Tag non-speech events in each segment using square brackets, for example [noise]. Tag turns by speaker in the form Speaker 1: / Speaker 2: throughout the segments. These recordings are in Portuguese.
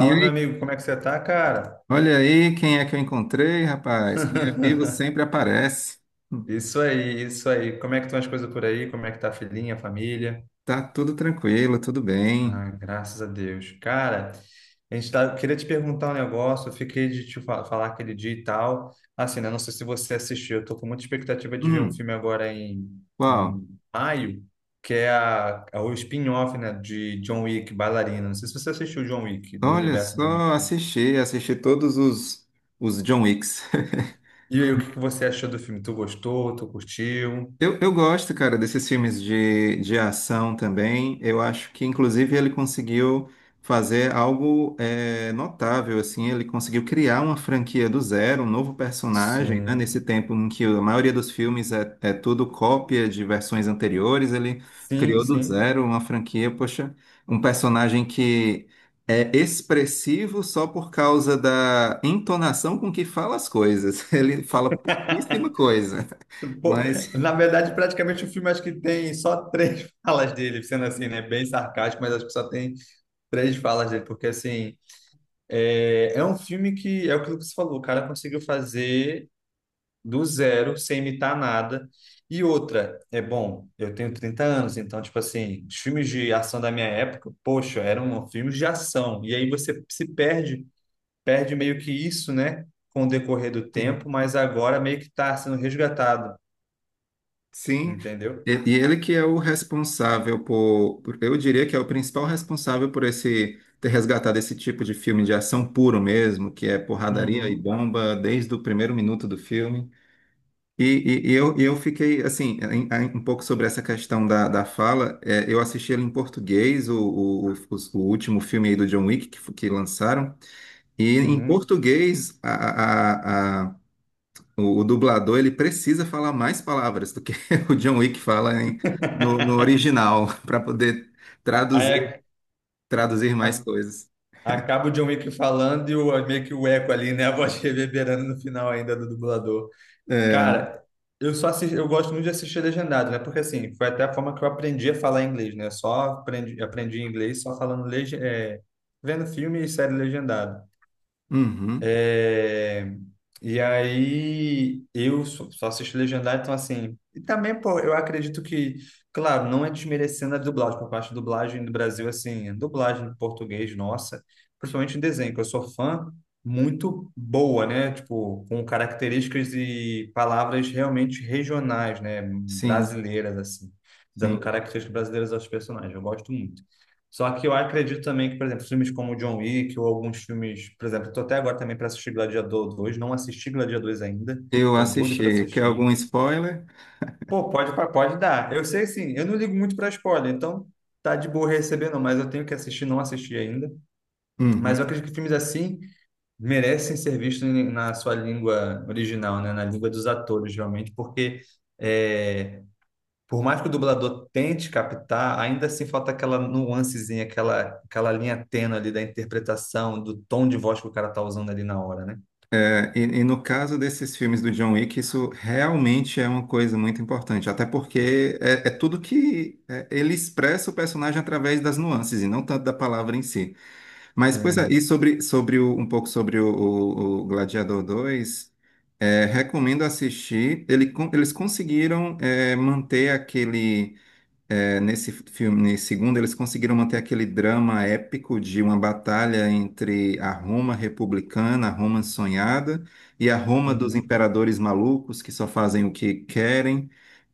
Speaker 1: E
Speaker 2: meu
Speaker 1: aí,
Speaker 2: amigo, como é que você tá, cara?
Speaker 1: olha aí quem é que eu encontrei, rapaz. Quem é vivo
Speaker 2: [laughs]
Speaker 1: sempre aparece.
Speaker 2: Isso aí, isso aí. Como é que estão as coisas por aí? Como é que tá a filhinha, a família?
Speaker 1: Tá tudo tranquilo, tudo bem.
Speaker 2: Ah, graças a Deus. Cara, a gente tá, eu queria te perguntar um negócio, eu fiquei de falar aquele dia e tal. Assim, né? Não sei se você assistiu, eu tô com muita expectativa de ver um
Speaker 1: Hum,
Speaker 2: filme agora
Speaker 1: qual?
Speaker 2: em maio, que é o spin-off, né, de John Wick, Bailarina. Não sei se você assistiu John Wick, do
Speaker 1: Olha
Speaker 2: universo John Wick,
Speaker 1: só,
Speaker 2: né?
Speaker 1: assisti, assisti todos os John Wicks.
Speaker 2: E aí, o que que você achou do filme? Tu gostou? Tu curtiu?
Speaker 1: Eu gosto, cara, desses filmes de ação também. Eu acho que, inclusive, ele conseguiu fazer algo notável, assim. Ele conseguiu criar uma franquia do zero, um novo personagem, né?
Speaker 2: Sim,
Speaker 1: Nesse tempo em que a maioria dos filmes é tudo cópia de versões anteriores, ele
Speaker 2: sim,
Speaker 1: criou do
Speaker 2: sim.
Speaker 1: zero uma franquia, poxa, um personagem que é expressivo só por causa da entonação com que fala as coisas. [laughs] Ele fala pouquíssima
Speaker 2: [laughs]
Speaker 1: coisa,
Speaker 2: Pô,
Speaker 1: mas...
Speaker 2: na verdade, praticamente o filme acho que tem só três [laughs] falas dele, sendo assim, né? Bem sarcástico, mas acho que só tem três falas dele, porque assim, é um filme que é aquilo que você falou, o cara conseguiu fazer do zero, sem imitar nada. E outra, é bom, eu tenho 30 anos, então, tipo assim, os filmes de ação da minha época, poxa, eram filmes de ação. E aí você se perde perde meio que isso, né, com o decorrer do tempo, mas agora meio que está sendo resgatado,
Speaker 1: Sim,
Speaker 2: entendeu?
Speaker 1: e ele que é o responsável por, eu diria que é o principal responsável por esse ter resgatado esse tipo de filme de ação puro mesmo, que é porradaria e
Speaker 2: Uhum,
Speaker 1: bomba desde o primeiro minuto do filme. E eu fiquei assim, um pouco sobre essa questão da fala. Eu assisti ele em português, o último filme aí do John Wick que lançaram. E em
Speaker 2: uhum.
Speaker 1: português, o dublador ele precisa falar mais palavras do que [laughs] o John Wick fala no
Speaker 2: [laughs]
Speaker 1: original [laughs] para poder
Speaker 2: Aí
Speaker 1: traduzir
Speaker 2: ac-
Speaker 1: traduzir mais
Speaker 2: a-
Speaker 1: coisas.
Speaker 2: acaba o John Wick falando e o, meio que o eco ali, né? A voz [laughs] reverberando no final ainda do dublador.
Speaker 1: É,
Speaker 2: Cara, eu só assisti, eu gosto muito de assistir legendado, né? Porque assim, foi até a forma que eu aprendi a falar inglês, né? Só aprendi, aprendi inglês só falando vendo filme e série legendado.
Speaker 1: uhum,
Speaker 2: É, e aí eu só assisto legendado, então assim. E também, pô, eu acredito que, claro, não é desmerecendo a dublagem, por parte da dublagem no Brasil, assim, a dublagem em português, nossa, principalmente em desenho, que eu sou fã, muito boa, né? Tipo, com características e palavras realmente regionais, né?
Speaker 1: sim,
Speaker 2: Brasileiras, assim, dando
Speaker 1: sim.
Speaker 2: características brasileiras aos personagens. Eu gosto muito. Só que eu acredito também que, por exemplo, filmes como John Wick ou alguns filmes, por exemplo, tô até agora também para assistir Gladiador dois, não assisti Gladiador dois ainda,
Speaker 1: Eu
Speaker 2: tô doido para
Speaker 1: assisti. Quer
Speaker 2: assistir.
Speaker 1: algum spoiler?
Speaker 2: Pô, pode, pode dar. Eu sei, sim, eu não ligo muito para spoiler, então tá de boa recebendo, mas eu tenho que assistir, não assisti ainda. Mas eu
Speaker 1: Uhum.
Speaker 2: acredito que filmes assim merecem ser vistos na sua língua original, né? Na língua dos atores, realmente, porque é, por mais que o dublador tente captar, ainda assim falta aquela nuancezinha, aquela linha tênue ali da interpretação, do tom de voz que o cara tá usando ali na hora, né?
Speaker 1: É, e no caso desses filmes do John Wick, isso realmente é uma coisa muito importante, até porque é tudo que é, ele expressa o personagem através das nuances e não tanto da palavra em si. Mas, pois é,
Speaker 2: Sim.
Speaker 1: e um pouco sobre o Gladiador 2, é, recomendo assistir. Eles conseguiram manter aquele. Nesse filme, nesse segundo, eles conseguiram manter aquele drama épico de uma batalha entre a Roma republicana, a Roma sonhada, e a Roma dos
Speaker 2: Uhum.
Speaker 1: imperadores malucos que só fazem o que querem.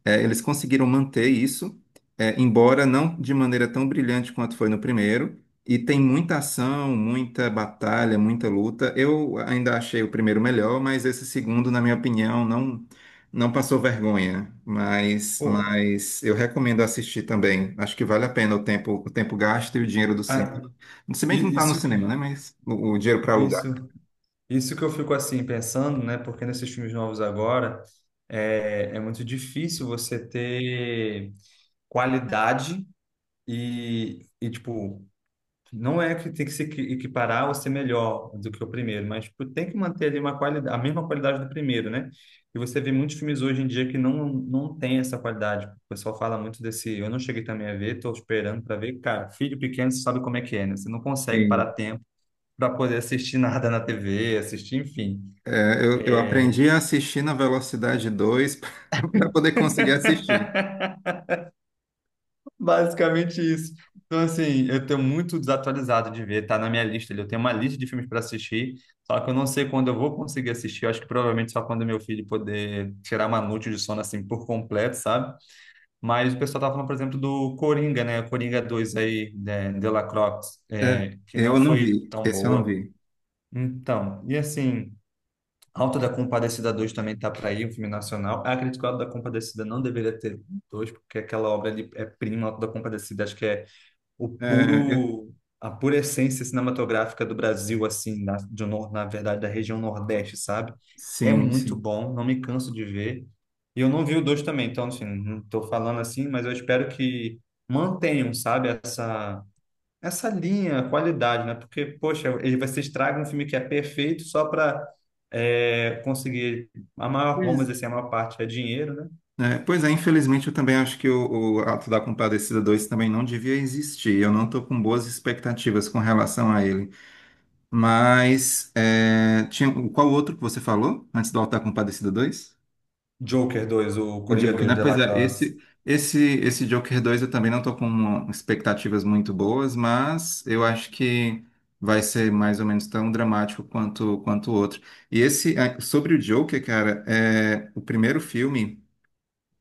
Speaker 1: É, eles conseguiram manter isso, embora não de maneira tão brilhante quanto foi no primeiro. E tem muita ação, muita batalha, muita luta. Eu ainda achei o primeiro melhor, mas esse segundo, na minha opinião, não passou vergonha. Mas,
Speaker 2: Pô,
Speaker 1: mas eu recomendo assistir também. Acho que vale a pena o tempo gasto e o dinheiro do
Speaker 2: ah,
Speaker 1: cinema. Se bem que não
Speaker 2: i-
Speaker 1: está no
Speaker 2: isso que
Speaker 1: cinema, né? Mas o dinheiro para alugar.
Speaker 2: isso isso que eu fico assim pensando, né? Porque nesses filmes novos agora é muito difícil você ter qualidade e tipo. Não é que tem que se equi- equiparar ou ser melhor do que o primeiro, mas tipo, tem que manter ali uma qualidade, a mesma qualidade do primeiro, né? E você vê muitos filmes hoje em dia que não, não tem essa qualidade. O pessoal fala muito desse. Eu não cheguei também a ver, estou esperando para ver. Cara, filho pequeno, você sabe como é que é, né? Você não consegue
Speaker 1: E,
Speaker 2: parar tempo para poder assistir [laughs] nada na TV, assistir, enfim.
Speaker 1: eu aprendi a assistir na velocidade 2 [laughs] para poder conseguir assistir.
Speaker 2: [laughs] Basicamente isso. Então, assim, eu tô muito desatualizado de ver, tá na minha lista ali. Eu tenho uma lista de filmes para assistir, só que eu não sei quando eu vou conseguir assistir. Eu acho que provavelmente só quando meu filho poder tirar uma noite de sono, assim, por completo, sabe? Mas o pessoal tá falando, por exemplo, do Coringa, né? Coringa dois aí, né? De La Croix,
Speaker 1: É,
Speaker 2: é, que não
Speaker 1: eu não
Speaker 2: foi
Speaker 1: vi,
Speaker 2: tão
Speaker 1: esse eu não
Speaker 2: boa.
Speaker 1: vi.
Speaker 2: Então, e assim, Auto da Compadecida dois também tá para ir, um filme nacional. Ah, acredito que o Auto da Compadecida não deveria ter dois, porque aquela obra ali é prima, Auto da Compadecida, acho que é o
Speaker 1: É, eu-
Speaker 2: puro a pura essência cinematográfica do Brasil, assim, na, de um nor- na verdade, da região Nordeste, sabe? É
Speaker 1: sim,
Speaker 2: muito
Speaker 1: sim.
Speaker 2: bom, não me canso de ver. E eu não vi o dois também, então, assim, não estou falando assim, mas eu espero que mantenham, sabe, essa linha, qualidade, né? Porque, poxa, ele vai se estraga um filme que é perfeito só para conseguir a maior, vamos
Speaker 1: Pois
Speaker 2: dizer assim, a maior parte é dinheiro, né?
Speaker 1: Pois é, infelizmente eu também acho que o Ato da Compadecida dois também não devia existir. Eu não estou com boas expectativas com relação a ele. Mas é, tinha, qual outro que você falou antes do Ato da Compadecida dois?
Speaker 2: Joker dois, o
Speaker 1: O
Speaker 2: Coringa
Speaker 1: Joker,
Speaker 2: dois
Speaker 1: né?
Speaker 2: de
Speaker 1: Pois
Speaker 2: La
Speaker 1: é,
Speaker 2: Croix.
Speaker 1: esse Joker 2 eu também não tô com expectativas muito boas, mas eu acho que vai ser mais ou menos tão dramático quanto o outro. E esse, ah, sobre o Joker, cara, é, o primeiro filme.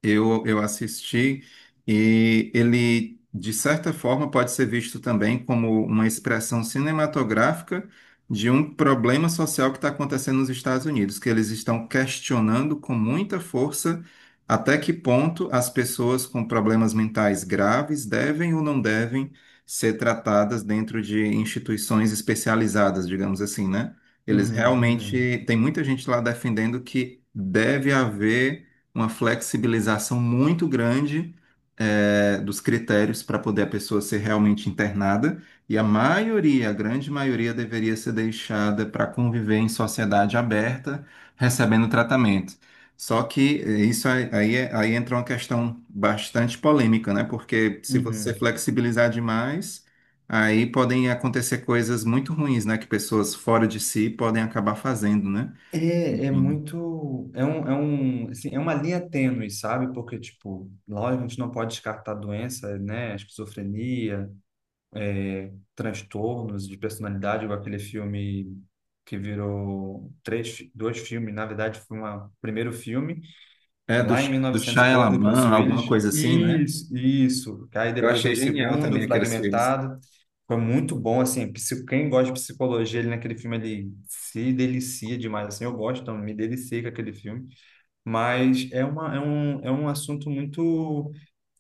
Speaker 1: Eu assisti e ele, de certa forma, pode ser visto também como uma expressão cinematográfica de um problema social que está acontecendo nos Estados Unidos, que eles estão questionando com muita força até que ponto as pessoas com problemas mentais graves devem ou não devem ser tratadas dentro de instituições especializadas, digamos assim, né? Eles
Speaker 2: Uhum, uhum,
Speaker 1: realmente, tem muita gente lá defendendo que deve haver uma flexibilização muito grande dos critérios para poder a pessoa ser realmente internada, e a maioria, a grande maioria, deveria ser deixada para conviver em sociedade aberta, recebendo tratamento. Só que isso aí, aí entra uma questão bastante polêmica, né? Porque se você
Speaker 2: uhum.
Speaker 1: flexibilizar demais, aí podem acontecer coisas muito ruins, né? Que pessoas fora de si podem acabar fazendo, né? Enfim.
Speaker 2: É um, assim, é uma linha tênue, sabe? Porque, tipo, lógico, a gente não pode descartar doença, né? Esquizofrenia, é, transtornos de personalidade, igual aquele filme que virou três, dois filmes, na verdade foi uma- o primeiro filme,
Speaker 1: É
Speaker 2: lá em mil e
Speaker 1: do
Speaker 2: novecentos e pouco, do
Speaker 1: Shyamalan,
Speaker 2: Bruce
Speaker 1: alguma
Speaker 2: Willis.
Speaker 1: coisa assim, né?
Speaker 2: Isso, isso. Aí
Speaker 1: Eu
Speaker 2: depois veio
Speaker 1: achei
Speaker 2: o
Speaker 1: genial
Speaker 2: segundo,
Speaker 1: também aqueles filmes.
Speaker 2: Fragmentado. Foi muito bom, assim, quem gosta de psicologia, ele naquele filme, ele se delicia demais, assim, eu gosto, então me deliciei com aquele filme, mas é um assunto muito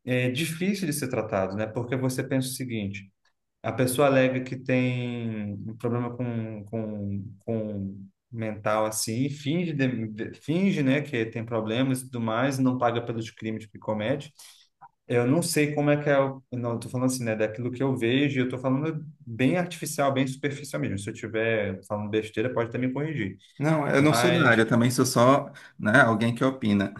Speaker 2: difícil de ser tratado, né, porque você pensa o seguinte, a pessoa alega que tem um problema com mental assim, e finge, né, que tem problemas e tudo mais, não paga pelos crimes que comete. Eu não sei como é que é, não, eu tô falando assim, né, daquilo que eu vejo, e eu tô falando bem artificial, bem superficial mesmo. Se eu estiver falando besteira, pode até me corrigir.
Speaker 1: Não, eu não sou da área,
Speaker 2: Mas
Speaker 1: eu também sou só, né, alguém que opina.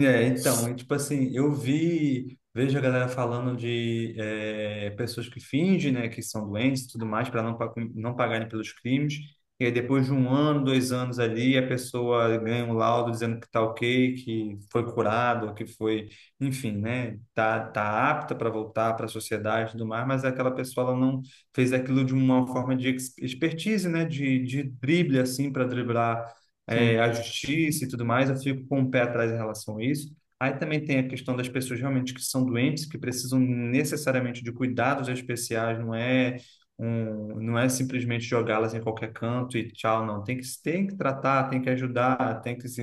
Speaker 2: é, então, e, tipo assim, vejo a galera falando de é, pessoas que fingem, né, que são doentes e tudo mais, para não pagarem pelos crimes, e aí depois de um ano, dois anos ali, a pessoa ganha um laudo dizendo que tá ok, que foi curado, que foi, enfim, né, tá apta para voltar para a sociedade e tudo mais, mas aquela pessoa, ela não fez aquilo de uma forma de expertise, né, de drible, assim, para driblar é,
Speaker 1: Sim.
Speaker 2: a justiça e tudo mais, eu fico com o pé atrás em relação a isso. Aí também tem a questão das pessoas realmente que são doentes, que precisam necessariamente de cuidados especiais, não é não é simplesmente jogá-las em qualquer canto e tchau, não. Tem que tratar, tem que ajudar, tem que se,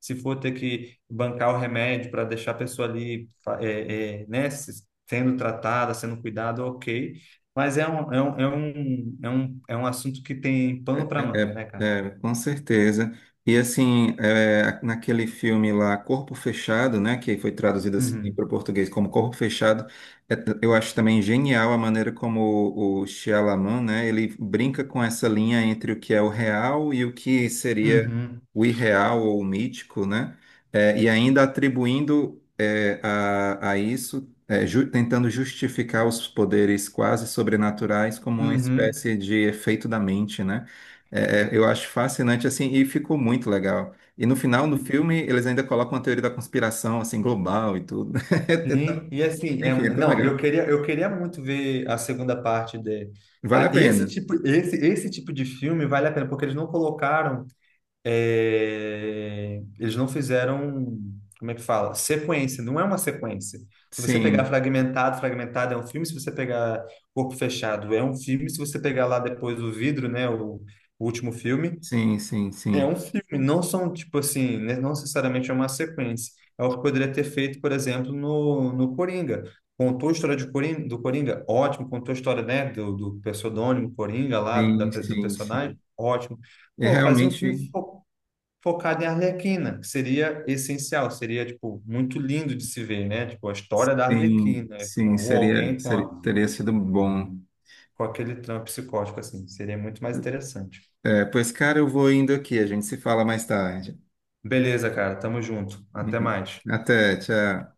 Speaker 2: se for ter que bancar o remédio para deixar a pessoa ali, né, sendo tratada, sendo cuidada, ok. Mas é um assunto que tem pano para
Speaker 1: É,
Speaker 2: manga, né, cara?
Speaker 1: É, com certeza. E assim, é, naquele filme lá, Corpo Fechado, né, que foi traduzido assim para
Speaker 2: Uhum.
Speaker 1: o português como Corpo Fechado, é, eu acho também genial a maneira como o Shyamalan, né, ele brinca com essa linha entre o que é o real e o que seria
Speaker 2: Uhum,
Speaker 1: o irreal ou o mítico, né, é, e ainda atribuindo é, a isso, é, tentando justificar os poderes quase sobrenaturais como uma
Speaker 2: uhum.
Speaker 1: espécie de efeito da mente, né? Eu acho fascinante assim e ficou muito legal. E no final do
Speaker 2: E,
Speaker 1: filme eles ainda colocam uma teoria da conspiração assim global e tudo.
Speaker 2: sim, e
Speaker 1: [laughs]
Speaker 2: assim, é,
Speaker 1: Enfim, é tão
Speaker 2: não,
Speaker 1: legal.
Speaker 2: eu queria muito ver a segunda parte de
Speaker 1: Vale
Speaker 2: a,
Speaker 1: a
Speaker 2: esse
Speaker 1: pena.
Speaker 2: tipo, esse tipo de filme vale a pena, porque eles não colocaram, é, eles não fizeram, como é que fala? Sequência, não é uma sequência. Se você pegar
Speaker 1: Sim,
Speaker 2: fragmentado, fragmentado é um filme, se você pegar corpo fechado é um filme, se você pegar lá depois o vidro, né, o último filme,
Speaker 1: sim, sim,
Speaker 2: é
Speaker 1: sim,
Speaker 2: um filme, não são, tipo assim, né, não necessariamente é uma sequência. É o que poderia ter feito, por exemplo, no Coringa. Contou a história de Coringa, do Coringa, ótimo. Contou a história, né, do pseudônimo Coringa lá,
Speaker 1: sim,
Speaker 2: do
Speaker 1: sim, sim.
Speaker 2: personagem, ótimo.
Speaker 1: E
Speaker 2: Pô, fazer um filme
Speaker 1: realmente,
Speaker 2: focado em Arlequina, que seria essencial, seria, tipo, muito lindo de se ver, né? Tipo, a história da Arlequina,
Speaker 1: sim,
Speaker 2: com, ou
Speaker 1: seria,
Speaker 2: alguém com, a,
Speaker 1: teria sido bom.
Speaker 2: com aquele trampo psicótico, assim, seria muito mais interessante.
Speaker 1: É, pois, cara, eu vou indo aqui. A gente se fala mais tarde.
Speaker 2: Beleza, cara, tamo junto. Até
Speaker 1: Uhum.
Speaker 2: mais.
Speaker 1: Até, tchau.